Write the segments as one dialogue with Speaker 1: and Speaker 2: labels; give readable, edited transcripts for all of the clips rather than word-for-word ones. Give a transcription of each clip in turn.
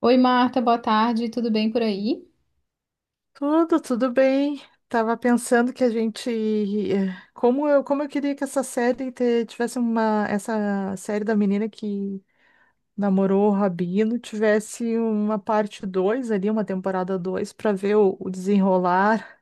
Speaker 1: Oi, Marta, boa tarde, tudo bem por aí?
Speaker 2: Tudo bem. Tava pensando que a gente, como eu queria que tivesse uma, essa série da menina que namorou o Rabino tivesse uma parte 2 ali, uma temporada 2 para ver o desenrolar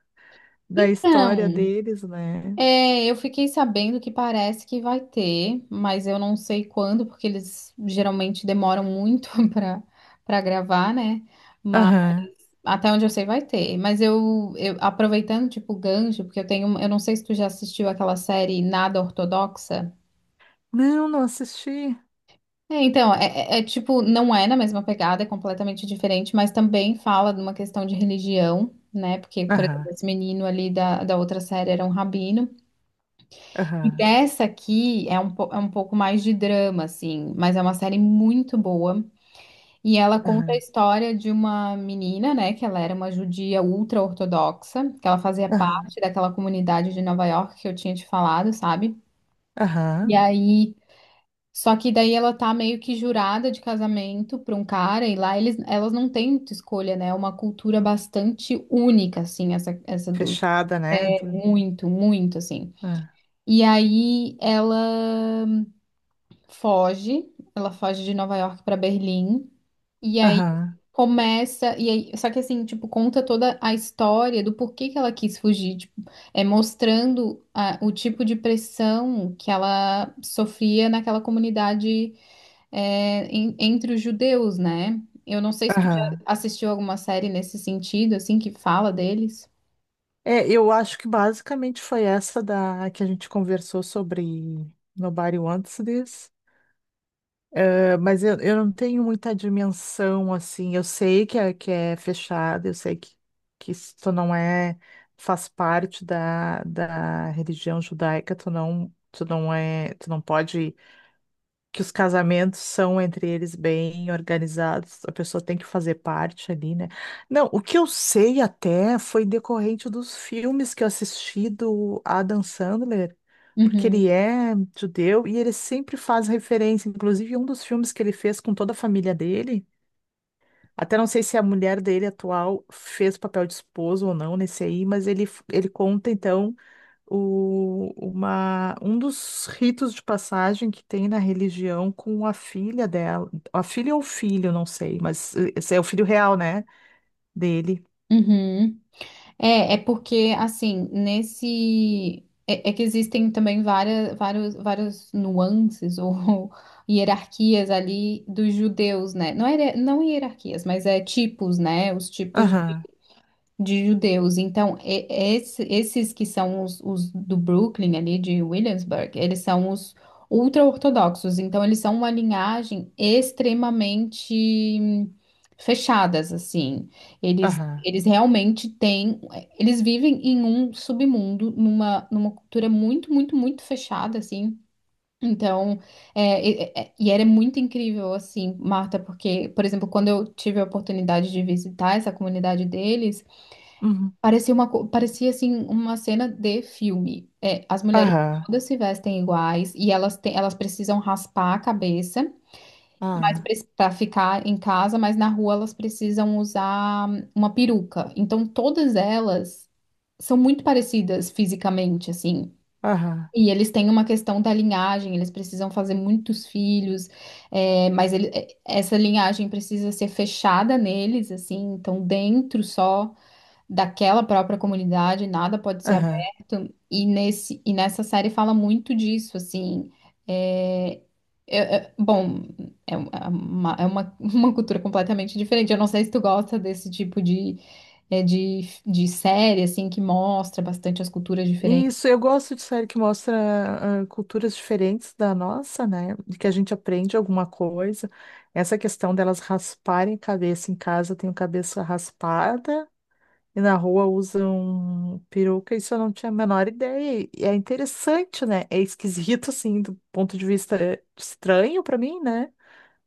Speaker 2: da história
Speaker 1: Então,
Speaker 2: deles, né?
Speaker 1: eu fiquei sabendo que parece que vai ter, mas eu não sei quando, porque eles geralmente demoram muito para gravar, né? Mas
Speaker 2: Aham.
Speaker 1: até onde eu sei vai ter. Mas eu aproveitando tipo gancho, porque eu tenho, eu não sei se tu já assistiu aquela série Nada Ortodoxa.
Speaker 2: Não, não assisti.
Speaker 1: É, então, é, é tipo, não é na mesma pegada, é completamente diferente, mas também fala de uma questão de religião, né? Porque, por
Speaker 2: Aham.
Speaker 1: exemplo, esse menino ali da outra série era um rabino. E
Speaker 2: Aham.
Speaker 1: dessa aqui é é um pouco mais de drama, assim, mas é uma série muito boa. E ela conta a
Speaker 2: Aham.
Speaker 1: história de uma menina, né? Que ela era uma judia ultra-ortodoxa, que ela fazia
Speaker 2: Aham.
Speaker 1: parte daquela comunidade de Nova York que eu tinha te falado, sabe? E
Speaker 2: Aham.
Speaker 1: aí, só que daí ela tá meio que jurada de casamento pra um cara, e lá elas não têm muita escolha, né? É uma cultura bastante única, assim, essa do.
Speaker 2: Fechada, né?
Speaker 1: Muito, muito, assim.
Speaker 2: Ah,
Speaker 1: E aí foge, ela foge de Nova York pra Berlim, e aí
Speaker 2: Aham.
Speaker 1: começa. E aí, só que assim, tipo, conta toda a história do porquê que ela quis fugir, tipo, é mostrando o tipo de pressão que ela sofria naquela comunidade entre os judeus, né? Eu não sei se tu já
Speaker 2: Aham.
Speaker 1: assistiu alguma série nesse sentido, assim, que fala deles.
Speaker 2: É, eu acho que basicamente foi essa da que a gente conversou sobre Nobody Wants This. É, mas eu não tenho muita dimensão assim. Eu sei que é fechado, eu sei que isso tu não é, faz parte da religião judaica, tu não pode, que os casamentos são entre eles bem organizados, a pessoa tem que fazer parte ali, né? Não, o que eu sei até foi decorrente dos filmes que eu assisti do Adam Sandler, porque
Speaker 1: Uhum,
Speaker 2: ele é judeu e ele sempre faz referência, inclusive um dos filmes que ele fez com toda a família dele. Até não sei se a mulher dele atual fez o papel de esposo ou não nesse aí, mas ele conta então o, uma, um dos ritos de passagem que tem na religião com a filha dela, a filha ou o filho, não sei, mas esse é o filho real, né? Dele.
Speaker 1: uhum. É porque, assim, nesse. É que existem também várias nuances ou hierarquias ali dos judeus, né? Não, era, não hierarquias, mas é tipos, né? Os tipos
Speaker 2: Aham,
Speaker 1: de judeus. Então, esses que são os do Brooklyn, ali de Williamsburg, eles são os ultra-ortodoxos. Então, eles são uma linhagem extremamente hum, fechadas, assim. Eles,
Speaker 2: aham,
Speaker 1: eles realmente têm. Eles vivem em um submundo, numa cultura muito, muito, muito fechada, assim. Então, e era muito incrível, assim, Marta, porque, por exemplo, quando eu tive a oportunidade de visitar essa comunidade deles,
Speaker 2: uhum,
Speaker 1: parecia uma, parecia assim uma cena de filme. É, as mulheres
Speaker 2: aham,
Speaker 1: todas se vestem iguais e elas têm, elas precisam raspar a cabeça,
Speaker 2: aham,
Speaker 1: mas para ficar em casa, mas na rua elas precisam usar uma peruca. Então todas elas são muito parecidas fisicamente, assim.
Speaker 2: aham,
Speaker 1: E eles têm uma questão da linhagem, eles precisam fazer muitos filhos, essa linhagem precisa ser fechada neles, assim, então dentro só daquela própria comunidade, nada pode ser
Speaker 2: aham.
Speaker 1: aberto. E nesse e nessa série fala muito disso, assim. É, bom, é uma, uma cultura completamente diferente. Eu não sei se tu gosta desse tipo de, de série, assim, que mostra bastante as culturas diferentes.
Speaker 2: Isso, eu gosto de série que mostra ah, culturas diferentes da nossa, né? De que a gente aprende alguma coisa. Essa questão delas rasparem a cabeça em casa, eu tenho cabeça raspada. E na rua usam peruca, isso eu não tinha a menor ideia. E é interessante, né? É esquisito, assim, do ponto de vista estranho pra mim, né?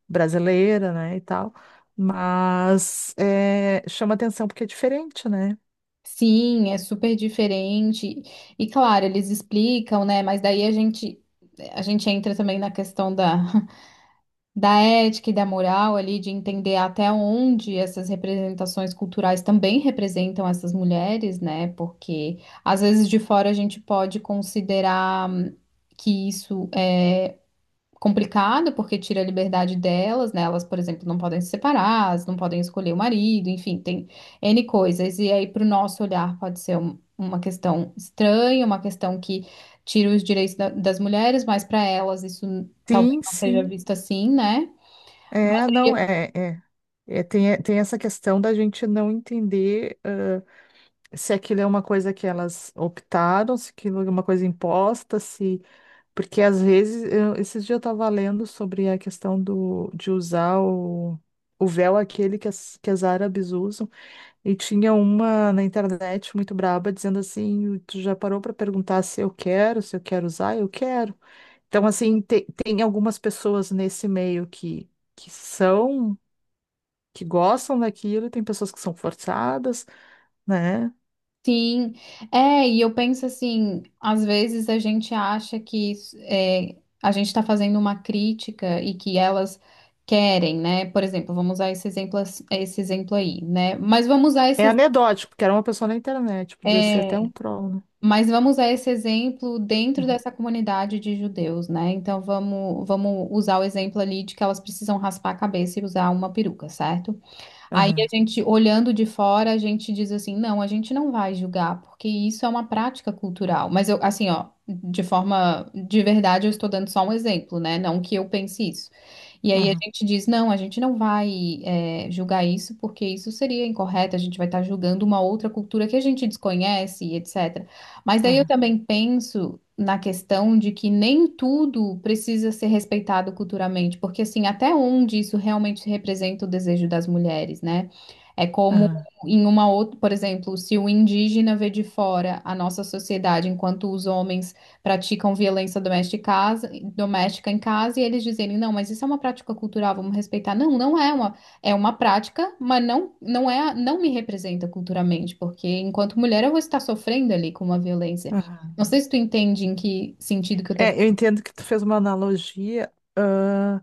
Speaker 2: Brasileira, né? E tal. Mas é, chama atenção porque é diferente, né?
Speaker 1: Sim, é super diferente. E claro, eles explicam, né? Mas daí a gente entra também na questão da da ética e da moral ali, de entender até onde essas representações culturais também representam essas mulheres, né? Porque às vezes de fora a gente pode considerar que isso é complicado porque tira a liberdade delas, né? Elas, por exemplo, não podem se separar, elas não podem escolher o marido, enfim, tem N coisas. E aí, para o nosso olhar, pode ser uma questão estranha, uma questão que tira os direitos das mulheres, mas para elas isso talvez
Speaker 2: Sim,
Speaker 1: não seja
Speaker 2: sim.
Speaker 1: visto assim, né?
Speaker 2: É, não, é, é. É, tem essa questão da gente não entender se aquilo é uma coisa que elas optaram, se aquilo é uma coisa imposta, se. Porque às vezes, esses dias eu estava lendo sobre a questão do, de usar o véu aquele que as árabes usam, e tinha uma na internet muito braba dizendo assim: tu já parou para perguntar se eu quero, se eu quero usar? Eu quero. Então, assim, tem algumas pessoas nesse meio que são, que gostam daquilo, e tem pessoas que são forçadas, né?
Speaker 1: Sim, é, e eu penso assim, às vezes a gente acha que é, a gente está fazendo uma crítica e que elas querem, né? Por exemplo, vamos usar esse exemplo, esse exemplo aí, né? Mas vamos usar
Speaker 2: É
Speaker 1: esse,
Speaker 2: anedótico, porque era uma pessoa na internet, podia ser
Speaker 1: é,
Speaker 2: até um troll, né?
Speaker 1: exemplo dentro
Speaker 2: Uhum,
Speaker 1: dessa comunidade de judeus, né? Então vamos, vamos usar o exemplo ali de que elas precisam raspar a cabeça e usar uma peruca, certo? Aí
Speaker 2: aham,
Speaker 1: a gente, olhando de fora, a gente diz assim, não, a gente não vai julgar, porque isso é uma prática cultural. Mas eu, assim, ó, de forma, de verdade, eu estou dando só um exemplo, né? Não que eu pense isso. E aí a
Speaker 2: aham,
Speaker 1: gente diz, não, a gente não vai, julgar isso, porque isso seria incorreto, a gente vai estar julgando uma outra cultura que a gente desconhece, etc. Mas daí eu
Speaker 2: aham,
Speaker 1: também penso na questão de que nem tudo precisa ser respeitado culturalmente, porque assim, até onde isso realmente representa o desejo das mulheres, né? É como
Speaker 2: aham,
Speaker 1: em uma outra, por exemplo, se o indígena vê de fora a nossa sociedade, enquanto os homens praticam violência doméstica, doméstica em casa, e eles dizerem, não, mas isso é uma prática cultural, vamos respeitar. Não, é uma prática, mas não, não é, não me representa culturalmente, porque enquanto mulher eu vou estar sofrendo ali com uma violência.
Speaker 2: aham.
Speaker 1: Não sei se tu entende em que sentido que eu tô
Speaker 2: É, eu
Speaker 1: falando.
Speaker 2: entendo que tu fez uma analogia, ah,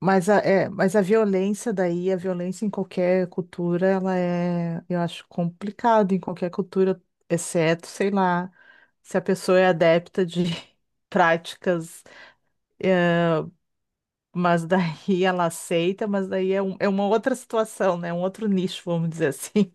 Speaker 2: mas a, é, mas a violência daí, a violência em qualquer cultura, ela é, eu acho, complicado em qualquer cultura, exceto, sei lá, se a pessoa é adepta de práticas. Mas daí ela aceita, mas daí é, é uma outra situação, né? Um outro nicho, vamos dizer assim.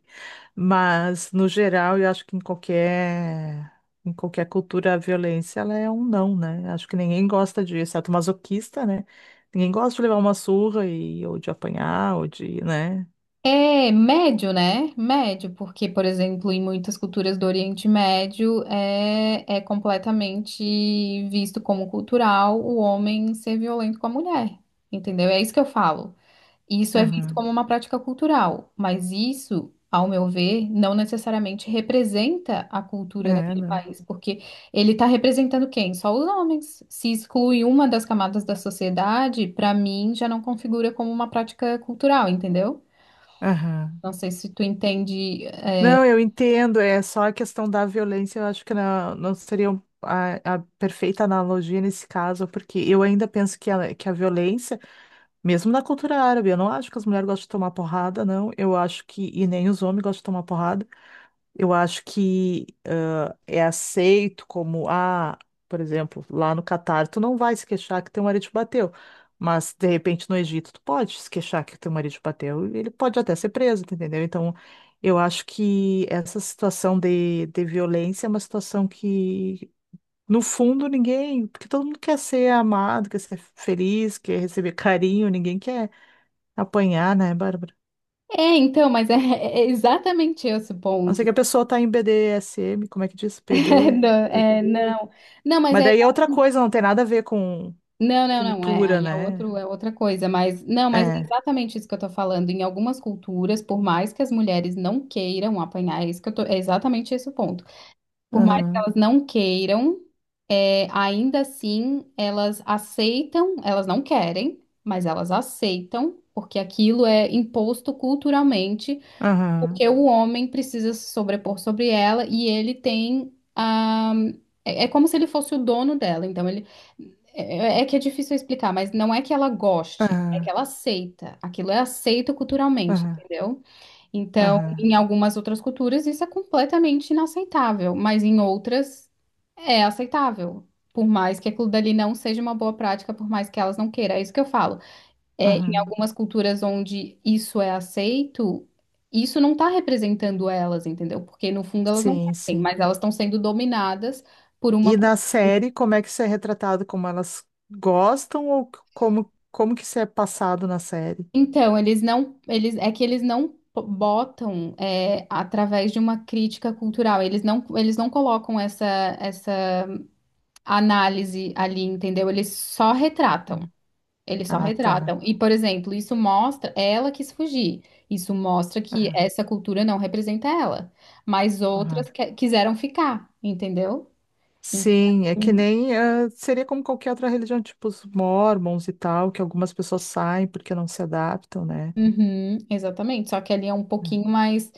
Speaker 2: Mas, no geral, eu acho que em qualquer cultura, a violência, ela é um não, né? Acho que ninguém gosta de, exceto masoquista, né? Ninguém gosta de levar uma surra e, ou de apanhar, ou de, né?
Speaker 1: É médio, né? Médio, porque, por exemplo, em muitas culturas do Oriente Médio é completamente visto como cultural o homem ser violento com a mulher, entendeu? É isso que eu falo. Isso é visto
Speaker 2: Aham.
Speaker 1: como uma prática cultural, mas isso, ao meu ver, não necessariamente representa a cultura
Speaker 2: É,
Speaker 1: naquele
Speaker 2: não.
Speaker 1: país, porque ele está representando quem? Só os homens. Se exclui uma das camadas da sociedade, para mim já não configura como uma prática cultural, entendeu?
Speaker 2: Aham.
Speaker 1: Não sei se tu entende.
Speaker 2: Não, eu entendo, é só a questão da violência, eu acho que não, não seria a perfeita analogia nesse caso, porque eu ainda penso que a violência mesmo na cultura árabe, eu não acho que as mulheres gostam de tomar porrada, não. Eu acho que, e nem os homens gostam de tomar porrada. Eu acho que ah, é aceito como, ah, por exemplo, lá no Catar, tu não vai se queixar que teu marido te bateu. Mas, de repente, no Egito, tu pode se queixar que teu marido te bateu. E ele pode até ser preso, tu entendeu? Então, eu acho que essa situação de violência é uma situação que no fundo, ninguém, porque todo mundo quer ser amado, quer ser feliz, quer receber carinho, ninguém quer apanhar, né, Bárbara?
Speaker 1: É, então, mas é, é exatamente esse o
Speaker 2: A não ser
Speaker 1: ponto.
Speaker 2: que a pessoa tá em BDSM, como é que diz?
Speaker 1: É,
Speaker 2: PD,
Speaker 1: não, é,
Speaker 2: PT.
Speaker 1: não, não, mas
Speaker 2: Mas
Speaker 1: é
Speaker 2: daí é outra coisa, não tem nada a ver com
Speaker 1: Não, não, não,
Speaker 2: cultura,
Speaker 1: aí é
Speaker 2: né?
Speaker 1: outro, é outra coisa, mas não, mas é
Speaker 2: É.
Speaker 1: exatamente isso que eu tô falando. Em algumas culturas, por mais que as mulheres não queiram apanhar, é isso que eu tô, é exatamente esse o ponto. Por mais que
Speaker 2: Aham,
Speaker 1: elas não queiram, é, ainda assim elas aceitam, elas não querem, mas elas aceitam, porque aquilo é imposto culturalmente
Speaker 2: aham,
Speaker 1: porque o homem precisa se sobrepor sobre ela e ele tem a. É é como se ele fosse o dono dela. Então, ele. É que é difícil explicar, mas não é que ela goste, é que
Speaker 2: aham,
Speaker 1: ela aceita. Aquilo é aceito culturalmente,
Speaker 2: aham,
Speaker 1: entendeu? Então,
Speaker 2: aham,
Speaker 1: em algumas outras culturas, isso é completamente inaceitável, mas em outras é aceitável. Por mais que aquilo dali não seja uma boa prática, por mais que elas não queiram. É isso que eu falo em
Speaker 2: aham.
Speaker 1: algumas culturas onde isso é aceito, isso não está representando elas, entendeu? Porque no fundo elas não
Speaker 2: Sim,
Speaker 1: têm,
Speaker 2: sim.
Speaker 1: mas elas estão sendo dominadas por uma.
Speaker 2: E na série, como é que isso é retratado? Como elas gostam ou como, como que isso é passado na série?
Speaker 1: Então, eles não, eles é que eles não botam através de uma crítica cultural, eles não colocam essa análise ali, entendeu? Eles só retratam.
Speaker 2: Uhum.
Speaker 1: Eles só
Speaker 2: Ah, tá.
Speaker 1: retratam. E, por exemplo, isso mostra, é ela quis fugir. Isso mostra que
Speaker 2: Aham,
Speaker 1: essa cultura não representa ela. Mas outras
Speaker 2: aham.
Speaker 1: quiseram ficar, entendeu? Então,
Speaker 2: Sim, é que nem ah, seria como qualquer outra religião, tipo os mormons e tal, que algumas pessoas saem porque não se adaptam, né?
Speaker 1: uhum, exatamente. Só que ali é um pouquinho mais,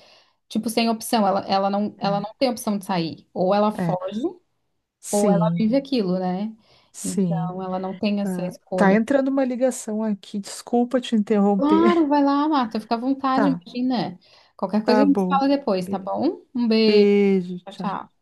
Speaker 1: tipo, sem opção. Ela, ela não tem opção de sair. Ou ela
Speaker 2: É, é,
Speaker 1: foge, ou ela
Speaker 2: sim,
Speaker 1: vive aquilo, né?
Speaker 2: sim.
Speaker 1: Então, ela não tem essa
Speaker 2: Ah, tá
Speaker 1: escolha.
Speaker 2: entrando uma ligação aqui, desculpa te interromper.
Speaker 1: Claro, vai lá, Marta. Fica à vontade,
Speaker 2: Tá,
Speaker 1: imagina. Qualquer coisa a
Speaker 2: tá
Speaker 1: gente
Speaker 2: bom.
Speaker 1: fala depois, tá
Speaker 2: Be-
Speaker 1: bom? Um beijo.
Speaker 2: Beijo,
Speaker 1: Tchau,
Speaker 2: tchau.
Speaker 1: tchau.